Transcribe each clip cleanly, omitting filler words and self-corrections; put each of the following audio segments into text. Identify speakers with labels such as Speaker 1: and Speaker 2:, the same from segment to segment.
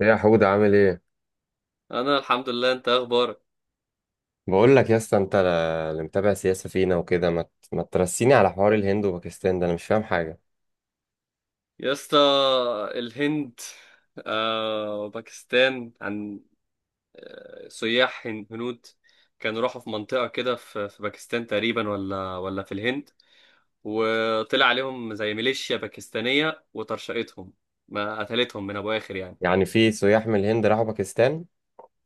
Speaker 1: إيه يا حودة عامل ايه؟
Speaker 2: انا الحمد لله. انت ايه اخبارك؟
Speaker 1: بقول لك يا اسطى انت اللي متابع سياسة فينا وكده ما ترسيني على حوار الهند وباكستان ده انا مش فاهم حاجة.
Speaker 2: يا اسطى. الهند، وباكستان. عن، سياح هنود كانوا راحوا في منطقة كده في باكستان تقريبا، ولا في الهند. وطلع عليهم زي ميليشيا باكستانية وطرشقتهم، ما قتلتهم من ابو اخر يعني.
Speaker 1: يعني في سياح من الهند راحوا باكستان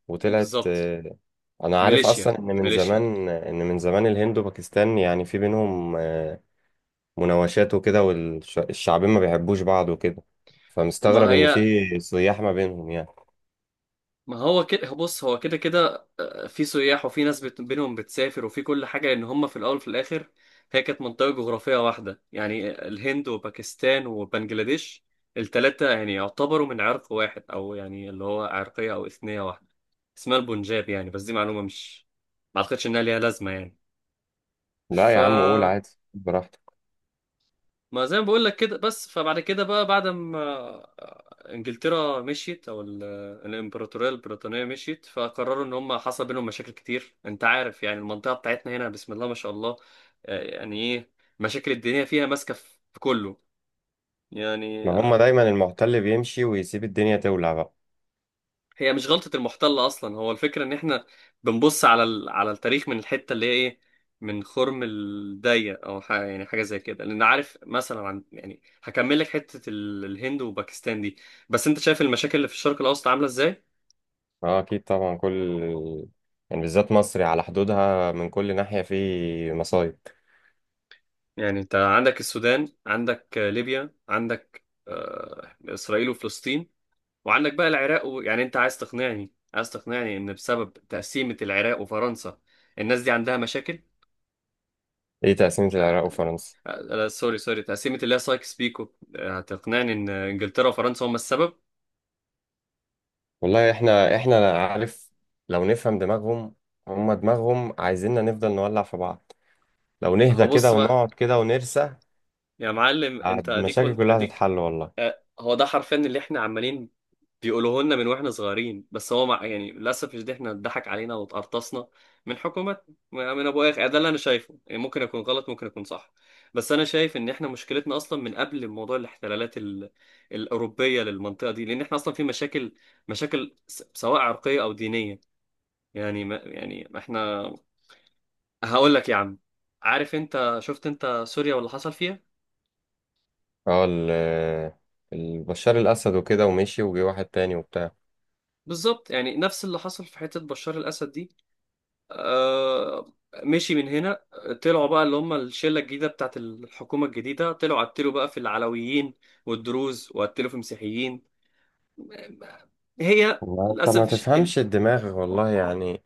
Speaker 1: وطلعت
Speaker 2: بالظبط.
Speaker 1: انا عارف
Speaker 2: ميليشيا،
Speaker 1: اصلا ان من
Speaker 2: ميليشيا.
Speaker 1: زمان ان من زمان الهند وباكستان يعني في بينهم مناوشات وكده والشعبين ما بيحبوش بعض وكده.
Speaker 2: ما
Speaker 1: فمستغرب ان
Speaker 2: هي
Speaker 1: في سياح ما بينهم يعني.
Speaker 2: ما هو كده. بص، هو كده كده، في سياح وفي ناس بينهم بتسافر وفي كل حاجة، لأن هم في الأول وفي الآخر هي كانت منطقة جغرافية واحدة، يعني الهند وباكستان وبنجلاديش التلاتة يعني يعتبروا من عرق واحد، أو يعني اللي هو عرقية أو إثنية واحدة اسمها البنجاب يعني. بس دي معلومة، مش، ما أعتقدش إنها ليها لازمة يعني.
Speaker 1: لا
Speaker 2: ف،
Speaker 1: يا عم قول عادي، براحتك.
Speaker 2: ما زي ما بقول لك كده. بس فبعد كده بقى، بعد ما انجلترا مشيت، الامبراطوريه البريطانيه مشيت، فقرروا ان هم حصل بينهم مشاكل كتير. انت عارف يعني المنطقه بتاعتنا هنا بسم الله ما شاء الله، يعني ايه، مشاكل الدنيا فيها ماسكه في كله يعني.
Speaker 1: ما هم دايما المحتل بيمشي ويسيب الدنيا تولع بقى.
Speaker 2: هي مش غلطة المحتل أصلا، هو الفكرة إن إحنا بنبص على على التاريخ من الحتة اللي هي إيه، من خرم الضيق، أو حاجة يعني، حاجة زي كده. لأن عارف مثلا، عن يعني، هكمل لك حتة الهند وباكستان دي. بس أنت شايف المشاكل اللي في الشرق الأوسط عاملة إزاي؟
Speaker 1: اه اكيد طبعا، كل يعني بالذات مصر على حدودها من كل ناحية في مصايب.
Speaker 2: يعني أنت عندك السودان، عندك، ليبيا، عندك، إسرائيل وفلسطين، وعندك بقى العراق يعني. أنت عايز تقنعني إن بسبب تقسيمة العراق وفرنسا الناس دي عندها مشاكل؟
Speaker 1: ايه تقسيمة العراق وفرنسا؟
Speaker 2: لا، سوري، سوري، تقسيمة اللي هي سايكس بيكو. هتقنعني ان انجلترا وفرنسا هما السبب؟
Speaker 1: والله احنا عارف، لو نفهم دماغهم. هما دماغهم عايزيننا نفضل نولع في بعض، لو
Speaker 2: اهو
Speaker 1: نهدى كده
Speaker 2: بص بقى،
Speaker 1: ونقعد كده ونرسى
Speaker 2: يا معلم انت اديك
Speaker 1: المشاكل
Speaker 2: قلت
Speaker 1: كلها
Speaker 2: اديك.
Speaker 1: هتتحل والله.
Speaker 2: هو ده حرفيا اللي احنا عمالين بيقولوه لنا من واحنا صغيرين، بس هو مع يعني للاسف. مش ده، احنا اتضحك علينا واتقرطصنا من حكومات، من ابو اخ. ده اللي انا شايفه يعني. ممكن اكون غلط، ممكن اكون صح. بس انا شايف ان احنا مشكلتنا اصلا من قبل موضوع الاحتلالات الاوروبيه للمنطقه دي، لان احنا اصلا في مشاكل، مشاكل سواء عرقيه او دينيه. يعني ما يعني ما احنا. هقول لك يا عم، عارف انت شفت انت سوريا واللي حصل فيها؟
Speaker 1: اه بشار الاسد وكده ومشي وجي واحد تاني وبتاع.
Speaker 2: بالظبط، يعني نفس اللي حصل في حتة بشار الأسد دي. آه. مشي من هنا، طلعوا بقى اللي هم الشلة الجديدة بتاعت الحكومة الجديدة، طلعوا قتلوا بقى في العلويين والدروز، وقتلوا في مسيحيين. هي،
Speaker 1: والله انت ما
Speaker 2: للأسف،
Speaker 1: تفهمش الدماغ والله يعني.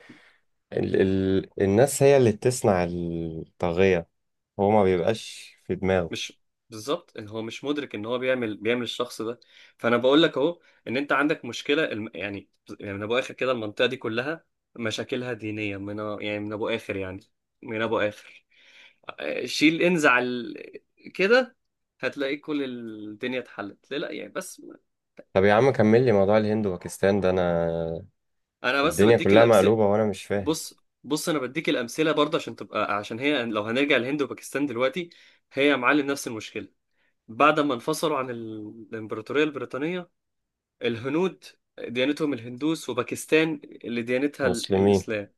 Speaker 1: ال ال الناس هي اللي بتصنع الطاغية، هو ما بيبقاش في دماغه.
Speaker 2: مش. بالظبط، إن هو مش مدرك ان هو بيعمل الشخص ده. فانا بقول لك اهو، ان انت عندك مشكله يعني، يعني من ابو اخر كده المنطقه دي كلها مشاكلها دينيه يعني من ابو اخر يعني، من ابو اخر. شيل، انزع كده، هتلاقي كل الدنيا اتحلت. ليه؟ لا يعني، بس
Speaker 1: طب يا عم كمل لي موضوع الهند وباكستان ده، انا
Speaker 2: انا بس
Speaker 1: الدنيا
Speaker 2: بديك
Speaker 1: كلها
Speaker 2: الامثله.
Speaker 1: مقلوبة وانا مش فاهم.
Speaker 2: بص، بص، انا بديك الامثله برضه، عشان تبقى، عشان هي لو هنرجع الهند وباكستان دلوقتي، هي يا معلم نفس المشكله. بعد ما انفصلوا عن الامبراطوريه البريطانيه، الهنود ديانتهم الهندوس، وباكستان اللي ديانتها
Speaker 1: مسلمين،
Speaker 2: الإسلام.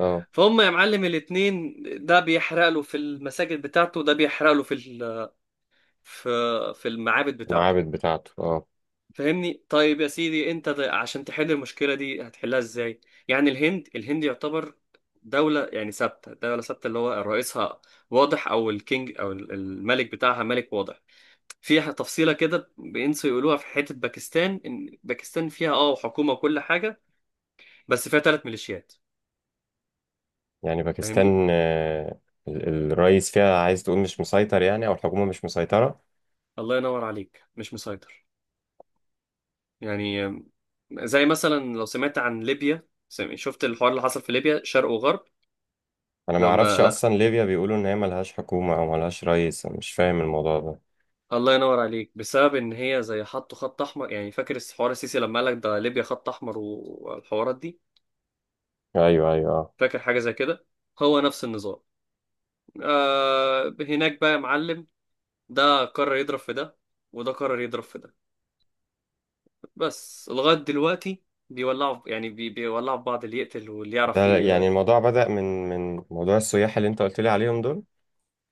Speaker 1: اه.
Speaker 2: فهم يا معلم الاتنين، ده بيحرق له في المساجد بتاعته، وده بيحرق له في في المعابد بتاعته.
Speaker 1: المعابد بتاعته، اه.
Speaker 2: فاهمني؟ طيب يا سيدي، انت ده عشان تحل المشكلة دي هتحلها ازاي؟ يعني الهند يعتبر دولة يعني ثابتة، دولة ثابتة، اللي هو رئيسها واضح، أو الكينج أو الملك بتاعها، ملك واضح. فيها تفصيلة كده بينسوا يقولوها في حتة باكستان، إن باكستان فيها حكومة وكل حاجة، بس فيها ثلاث ميليشيات.
Speaker 1: يعني
Speaker 2: فاهمني؟
Speaker 1: باكستان، ال- الرئيس فيها عايز تقول مش مسيطر يعني او الحكومة مش مسيطرة.
Speaker 2: الله ينور عليك، مش مسيطر. يعني، زي مثلا لو سمعت عن ليبيا، شفت الحوار اللي حصل في ليبيا شرق وغرب؟
Speaker 1: انا ما
Speaker 2: لو ما
Speaker 1: اعرفش
Speaker 2: لا،
Speaker 1: اصلا ليبيا بيقولوا ان هي ملهاش حكومة او ملهاش رئيس، انا مش فاهم الموضوع ده.
Speaker 2: الله ينور عليك، بسبب ان هي زي حطوا خط احمر، يعني فاكر حوار السيسي لما قالك ده ليبيا خط احمر والحوارات دي؟
Speaker 1: ايوه ايوه اه.
Speaker 2: فاكر حاجه زي كده. هو نفس النظام. آه، هناك بقى يا معلم، ده قرر يضرب في ده، وده قرر يضرب في ده، بس لغايه دلوقتي بيولعوا بيولعوا في بعض، اللي يقتل واللي يعرف
Speaker 1: ده يعني الموضوع بدأ من موضوع السياح اللي انت قلت لي عليهم دول،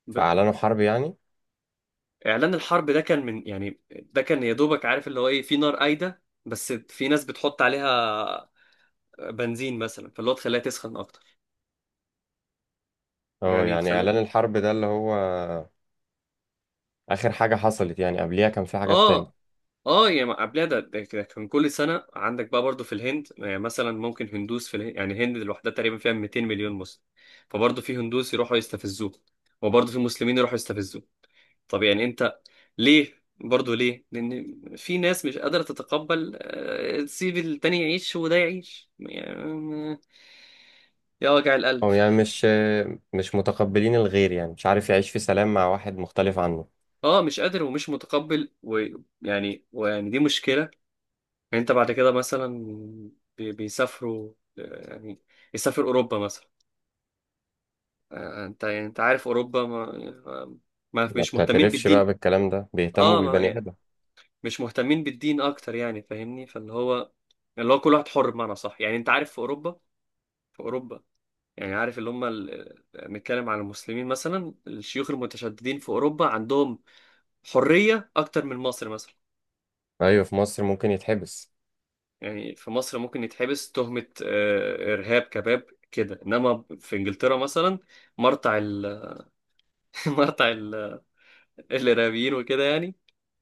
Speaker 1: فاعلنوا حرب يعني.
Speaker 2: اعلان الحرب ده كان من يعني، ده كان يا دوبك. عارف اللي هو ايه، في نار قايده بس في ناس بتحط عليها بنزين مثلا، فاللي هو تخليها تسخن اكتر
Speaker 1: اه
Speaker 2: يعني،
Speaker 1: يعني
Speaker 2: تخليها.
Speaker 1: اعلان الحرب ده اللي هو آخر حاجة حصلت يعني، قبليها كان في حاجات تانية.
Speaker 2: اه، اه، يعني ما قبلها ده كده كان كل سنه. عندك بقى برضو في الهند، يعني مثلا ممكن هندوس في الهند، يعني الهند لوحدها تقريبا فيها 200 مليون مسلم، فبرضو في هندوس يروحوا يستفزوه، وبرضو في مسلمين يروحوا يستفزوه. طب يعني انت، ليه برضه؟ ليه؟ لان في ناس مش قادره تتقبل، تسيب التاني يعيش وده يعيش يعني. آه، يا وجع القلب.
Speaker 1: هو يعني مش متقبلين الغير، يعني مش عارف يعيش في سلام مع واحد مختلف عنه.
Speaker 2: اه، مش قادر ومش متقبل، ويعني دي مشكله. يعني انت بعد كده مثلا بيسافروا، يعني يسافر اوروبا مثلا. انت يعني، انت عارف اوروبا ما, ما
Speaker 1: ما
Speaker 2: مش مهتمين
Speaker 1: بتعترفش بقى
Speaker 2: بالدين.
Speaker 1: بالكلام ده، بيهتموا
Speaker 2: اه، ما
Speaker 1: بالبني
Speaker 2: يعني
Speaker 1: آدم.
Speaker 2: مش مهتمين بالدين اكتر يعني. فاهمني، فاللي هو، اللي هو كل واحد حر بمعنى صح. يعني انت عارف في اوروبا، في اوروبا، يعني عارف اللي هم نتكلم عن المسلمين مثلا، الشيوخ المتشددين في أوروبا عندهم حرية أكتر من مصر مثلا.
Speaker 1: أيوة في مصر ممكن يتحبس.
Speaker 2: يعني في مصر ممكن يتحبس تهمة، إرهاب كباب كده، إنما في إنجلترا مثلا مرتع مرتع الإرهابيين وكده يعني.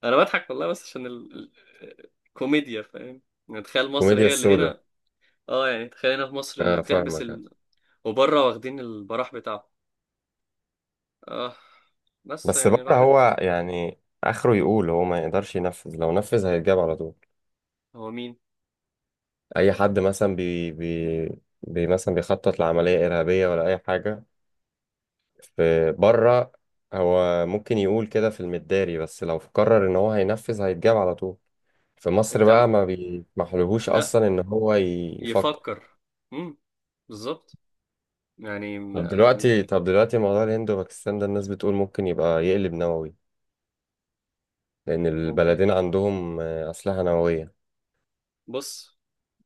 Speaker 2: أنا بضحك والله، بس عشان الكوميديا، فاهم؟ يعني تخيل مصر
Speaker 1: كوميديا
Speaker 2: هي اللي
Speaker 1: السوداء.
Speaker 2: هنا. اه، يعني تخيل هنا في مصر اللي
Speaker 1: أنا
Speaker 2: بتحبس
Speaker 1: فاهمك.
Speaker 2: وبره واخدين البراح بتاعهم. اه. بس
Speaker 1: بس
Speaker 2: يعني
Speaker 1: بره
Speaker 2: راحت.
Speaker 1: هو يعني آخره يقول هو ما يقدرش ينفذ، لو نفذ هيتجاب على طول.
Speaker 2: هو مين؟
Speaker 1: أي حد مثلا بي بي بي مثلا بيخطط لعملية إرهابية ولا أي حاجة في بره، هو ممكن يقول كده في المداري، بس لو قرر ان هو هينفذ هيتجاب على طول. في مصر
Speaker 2: انت.
Speaker 1: بقى ما بيسمحلهوش
Speaker 2: لا.
Speaker 1: اصلا ان هو يفكر.
Speaker 2: يفكر. امم بالظبط. يعني
Speaker 1: طب دلوقتي طب دلوقتي موضوع الهند وباكستان ده الناس بتقول ممكن يبقى يقلب نووي، لان
Speaker 2: ممكن.
Speaker 1: البلدين عندهم اسلحة نووية.
Speaker 2: بص،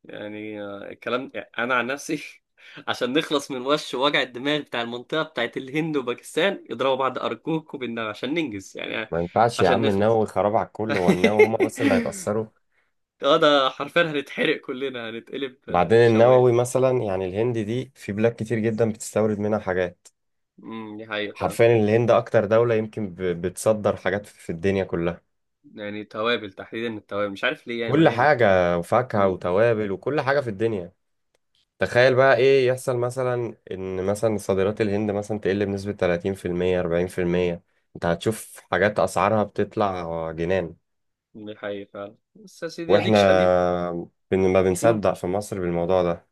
Speaker 2: يعني، الكلام يعني انا عن نفسي. عشان نخلص من وش وجع الدماغ بتاع المنطقه بتاعت الهند وباكستان، اضربوا بعض ارجوكوا بالنار عشان ننجز يعني،
Speaker 1: ما ينفعش يا
Speaker 2: عشان
Speaker 1: عم، النووي
Speaker 2: نخلص.
Speaker 1: خراب على الكل، هو النووي هما بس اللي هيتأثروا؟
Speaker 2: اه، ده حرفيا هنتحرق كلنا، هنتقلب،
Speaker 1: بعدين
Speaker 2: شوايه.
Speaker 1: النووي مثلا، يعني الهند دي في بلاد كتير جدا بتستورد منها حاجات.
Speaker 2: دي حقيقه فعلا.
Speaker 1: حرفيا الهند اكتر دولة يمكن بتصدر حاجات في الدنيا كلها،
Speaker 2: يعني توابل تحديدا، التوابل مش عارف ليه، يعني ما
Speaker 1: كل
Speaker 2: نعمل توابل.
Speaker 1: حاجة وفاكهة
Speaker 2: امم
Speaker 1: وتوابل وكل حاجة في الدنيا. تخيل بقى ايه يحصل مثلا ان مثلا صادرات الهند مثلا تقل بنسبة 30% 40%، انت هتشوف حاجات اسعارها بتطلع جنان.
Speaker 2: دي حقيقه فعلا، بس يا سيدي
Speaker 1: واحنا
Speaker 2: اديك اديك.
Speaker 1: ما
Speaker 2: امم،
Speaker 1: بنصدق في مصر بالموضوع ده.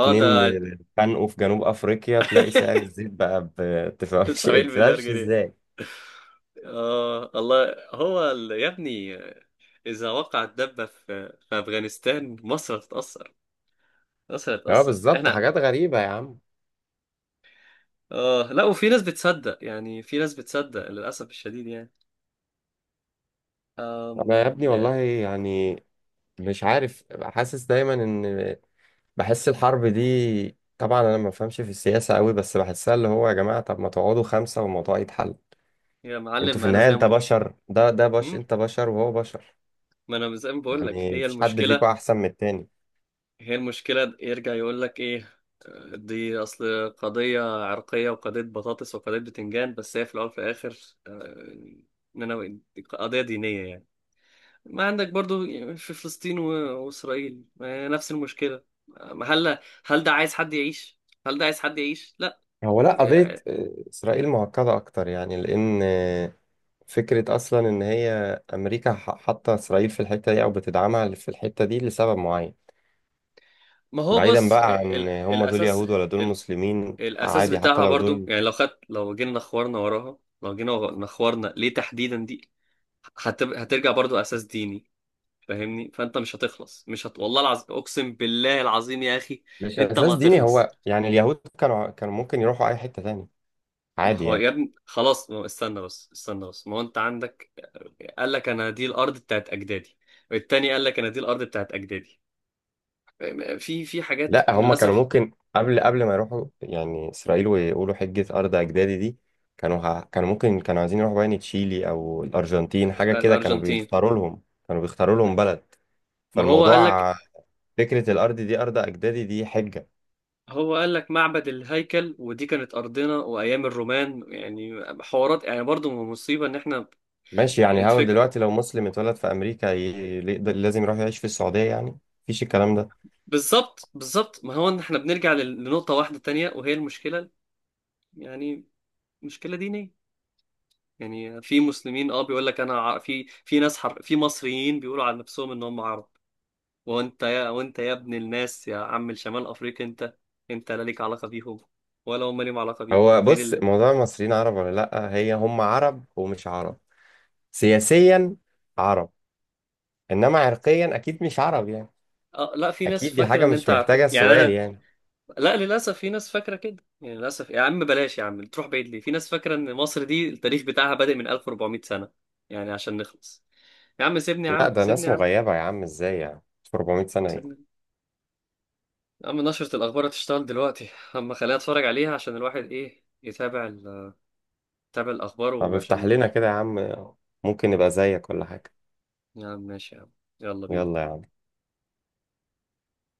Speaker 2: اه، ده،
Speaker 1: اتخانقوا في جنوب افريقيا تلاقي سعر الزيت بقى تفهمش
Speaker 2: 70 مليار
Speaker 1: تفهمش
Speaker 2: جنيه.
Speaker 1: ازاي.
Speaker 2: اه، الله هو يا ابني، اذا وقعت دبه في افغانستان مصر هتتاثر.
Speaker 1: اه بالظبط،
Speaker 2: احنا.
Speaker 1: حاجات غريبة يا عم.
Speaker 2: اه، لا، وفي ناس بتصدق يعني، في ناس بتصدق للاسف الشديد يعني.
Speaker 1: انا يا
Speaker 2: أم...
Speaker 1: ابني والله يعني مش عارف، حاسس دايما ان بحس الحرب دي طبعا، انا ما بفهمش في السياسه قوي بس بحسها، اللي هو يا جماعه طب ما تقعدوا خمسه والموضوع يتحل.
Speaker 2: يا
Speaker 1: انتوا
Speaker 2: معلم،
Speaker 1: في
Speaker 2: انا
Speaker 1: النهايه،
Speaker 2: زي ما
Speaker 1: انت
Speaker 2: بقول،
Speaker 1: بشر، ده ده بش انت بشر وهو بشر،
Speaker 2: ما انا زي ما بقول لك
Speaker 1: يعني
Speaker 2: هي
Speaker 1: مفيش حد فيكم
Speaker 2: المشكله،
Speaker 1: احسن من التاني.
Speaker 2: هي المشكلة يرجع يقول لك إيه، دي أصل قضية عرقية، وقضية بطاطس، وقضية بتنجان، بس هي في الأول وفي الآخر آه، إننا قضية دينية يعني. ما عندك برضو في فلسطين وإسرائيل، نفس المشكلة. آه، هل هل ده عايز حد يعيش؟ هل ده عايز حد يعيش؟ لا.
Speaker 1: هو لا، قضيه
Speaker 2: آه،
Speaker 1: اسرائيل معقده اكتر يعني، لان فكره اصلا ان هي امريكا حاطه اسرائيل في الحته دي او بتدعمها في الحته دي لسبب معين.
Speaker 2: ما هو
Speaker 1: بعيدا
Speaker 2: بص.
Speaker 1: بقى عن هم دول
Speaker 2: الأساس،
Speaker 1: يهود ولا دول
Speaker 2: ال-
Speaker 1: مسلمين،
Speaker 2: الأساس
Speaker 1: عادي حتى
Speaker 2: بتاعها
Speaker 1: لو
Speaker 2: برضو.
Speaker 1: دول.
Speaker 2: يعني لو خدت، لو جينا نخورنا وراها، لو جينا نخورنا ليه تحديدا دي، هترجع برضو أساس ديني. فاهمني، فانت مش هتخلص، مش هت... والله العظيم اقسم بالله العظيم يا اخي،
Speaker 1: مش
Speaker 2: انت ما
Speaker 1: اساس ديني،
Speaker 2: هتخلص.
Speaker 1: هو يعني اليهود كانوا ممكن يروحوا اي حته تاني
Speaker 2: ما
Speaker 1: عادي
Speaker 2: هو
Speaker 1: يعني.
Speaker 2: يا ابني خلاص، ما هو استنى بس، استنى بس، ما هو انت عندك، قال لك انا دي الارض بتاعت اجدادي، والتاني قال لك انا دي الارض بتاعت اجدادي. في حاجات، في،
Speaker 1: لا هم كانوا
Speaker 2: للاسف.
Speaker 1: ممكن قبل ما يروحوا يعني اسرائيل ويقولوا حجه ارض اجدادي دي، كانوا ممكن كانوا عايزين يروحوا يعني تشيلي او الارجنتين حاجه كده، كانوا
Speaker 2: الارجنتين،
Speaker 1: بيختاروا لهم كانوا بيختاروا لهم بلد.
Speaker 2: ما هو قال لك،
Speaker 1: فالموضوع فكره الارض دي ارض اجدادي دي حجه.
Speaker 2: هو قال لك معبد الهيكل، ودي كانت ارضنا وايام الرومان، يعني حوارات يعني برضو مصيبه ان احنا.
Speaker 1: ماشي، يعني هقول
Speaker 2: الفكره،
Speaker 1: دلوقتي لو مسلم اتولد في امريكا لازم يروح يعيش في السعوديه يعني؟ مفيش الكلام ده.
Speaker 2: بالظبط، بالظبط، ما هو ان احنا بنرجع لنقطه واحده تانية، وهي المشكله يعني، مشكلة دينية. يعني في مسلمين اه، بيقول لك انا في ناس في مصريين بيقولوا عن نفسهم ان هم عرب. وانت يا ابن الناس، يا عم الشمال افريقيا. انت، انت لا ليك علاقة بيهم ولا هم ليهم علاقة بيك،
Speaker 1: هو
Speaker 2: غير
Speaker 1: بص موضوع المصريين عرب ولا لا، هي هم عرب ومش عرب. سياسيا عرب، انما عرقيا اكيد مش عرب يعني.
Speaker 2: اه، لا، في ناس
Speaker 1: اكيد دي
Speaker 2: فاكرة
Speaker 1: حاجه
Speaker 2: ان،
Speaker 1: مش
Speaker 2: انت عارف
Speaker 1: محتاجه
Speaker 2: يعني
Speaker 1: سؤال
Speaker 2: انا.
Speaker 1: يعني.
Speaker 2: لا، للاسف في ناس فاكرة كده يعني، للاسف يا عم، بلاش يا عم تروح بعيد ليه، في ناس فاكرة ان مصر دي التاريخ بتاعها بادئ من 1400 سنة. يعني عشان نخلص. يا عم سيبني، يا
Speaker 1: لا
Speaker 2: عم
Speaker 1: ده
Speaker 2: سيبني،
Speaker 1: ناس
Speaker 2: يا عم
Speaker 1: مغيبه يا عم، ازاي يعني في 400 سنه ايه؟
Speaker 2: سيبني. يا عم، نشرة الأخبار هتشتغل دلوقتي، أما خليها أتفرج عليها، عشان الواحد إيه يتابع يتابع الأخبار،
Speaker 1: طب افتح
Speaker 2: وعشان.
Speaker 1: لنا كده يا عم، ممكن نبقى زيك ولا حاجه.
Speaker 2: يا عم ماشي يا عم، يلا
Speaker 1: يلا
Speaker 2: بينا.
Speaker 1: يا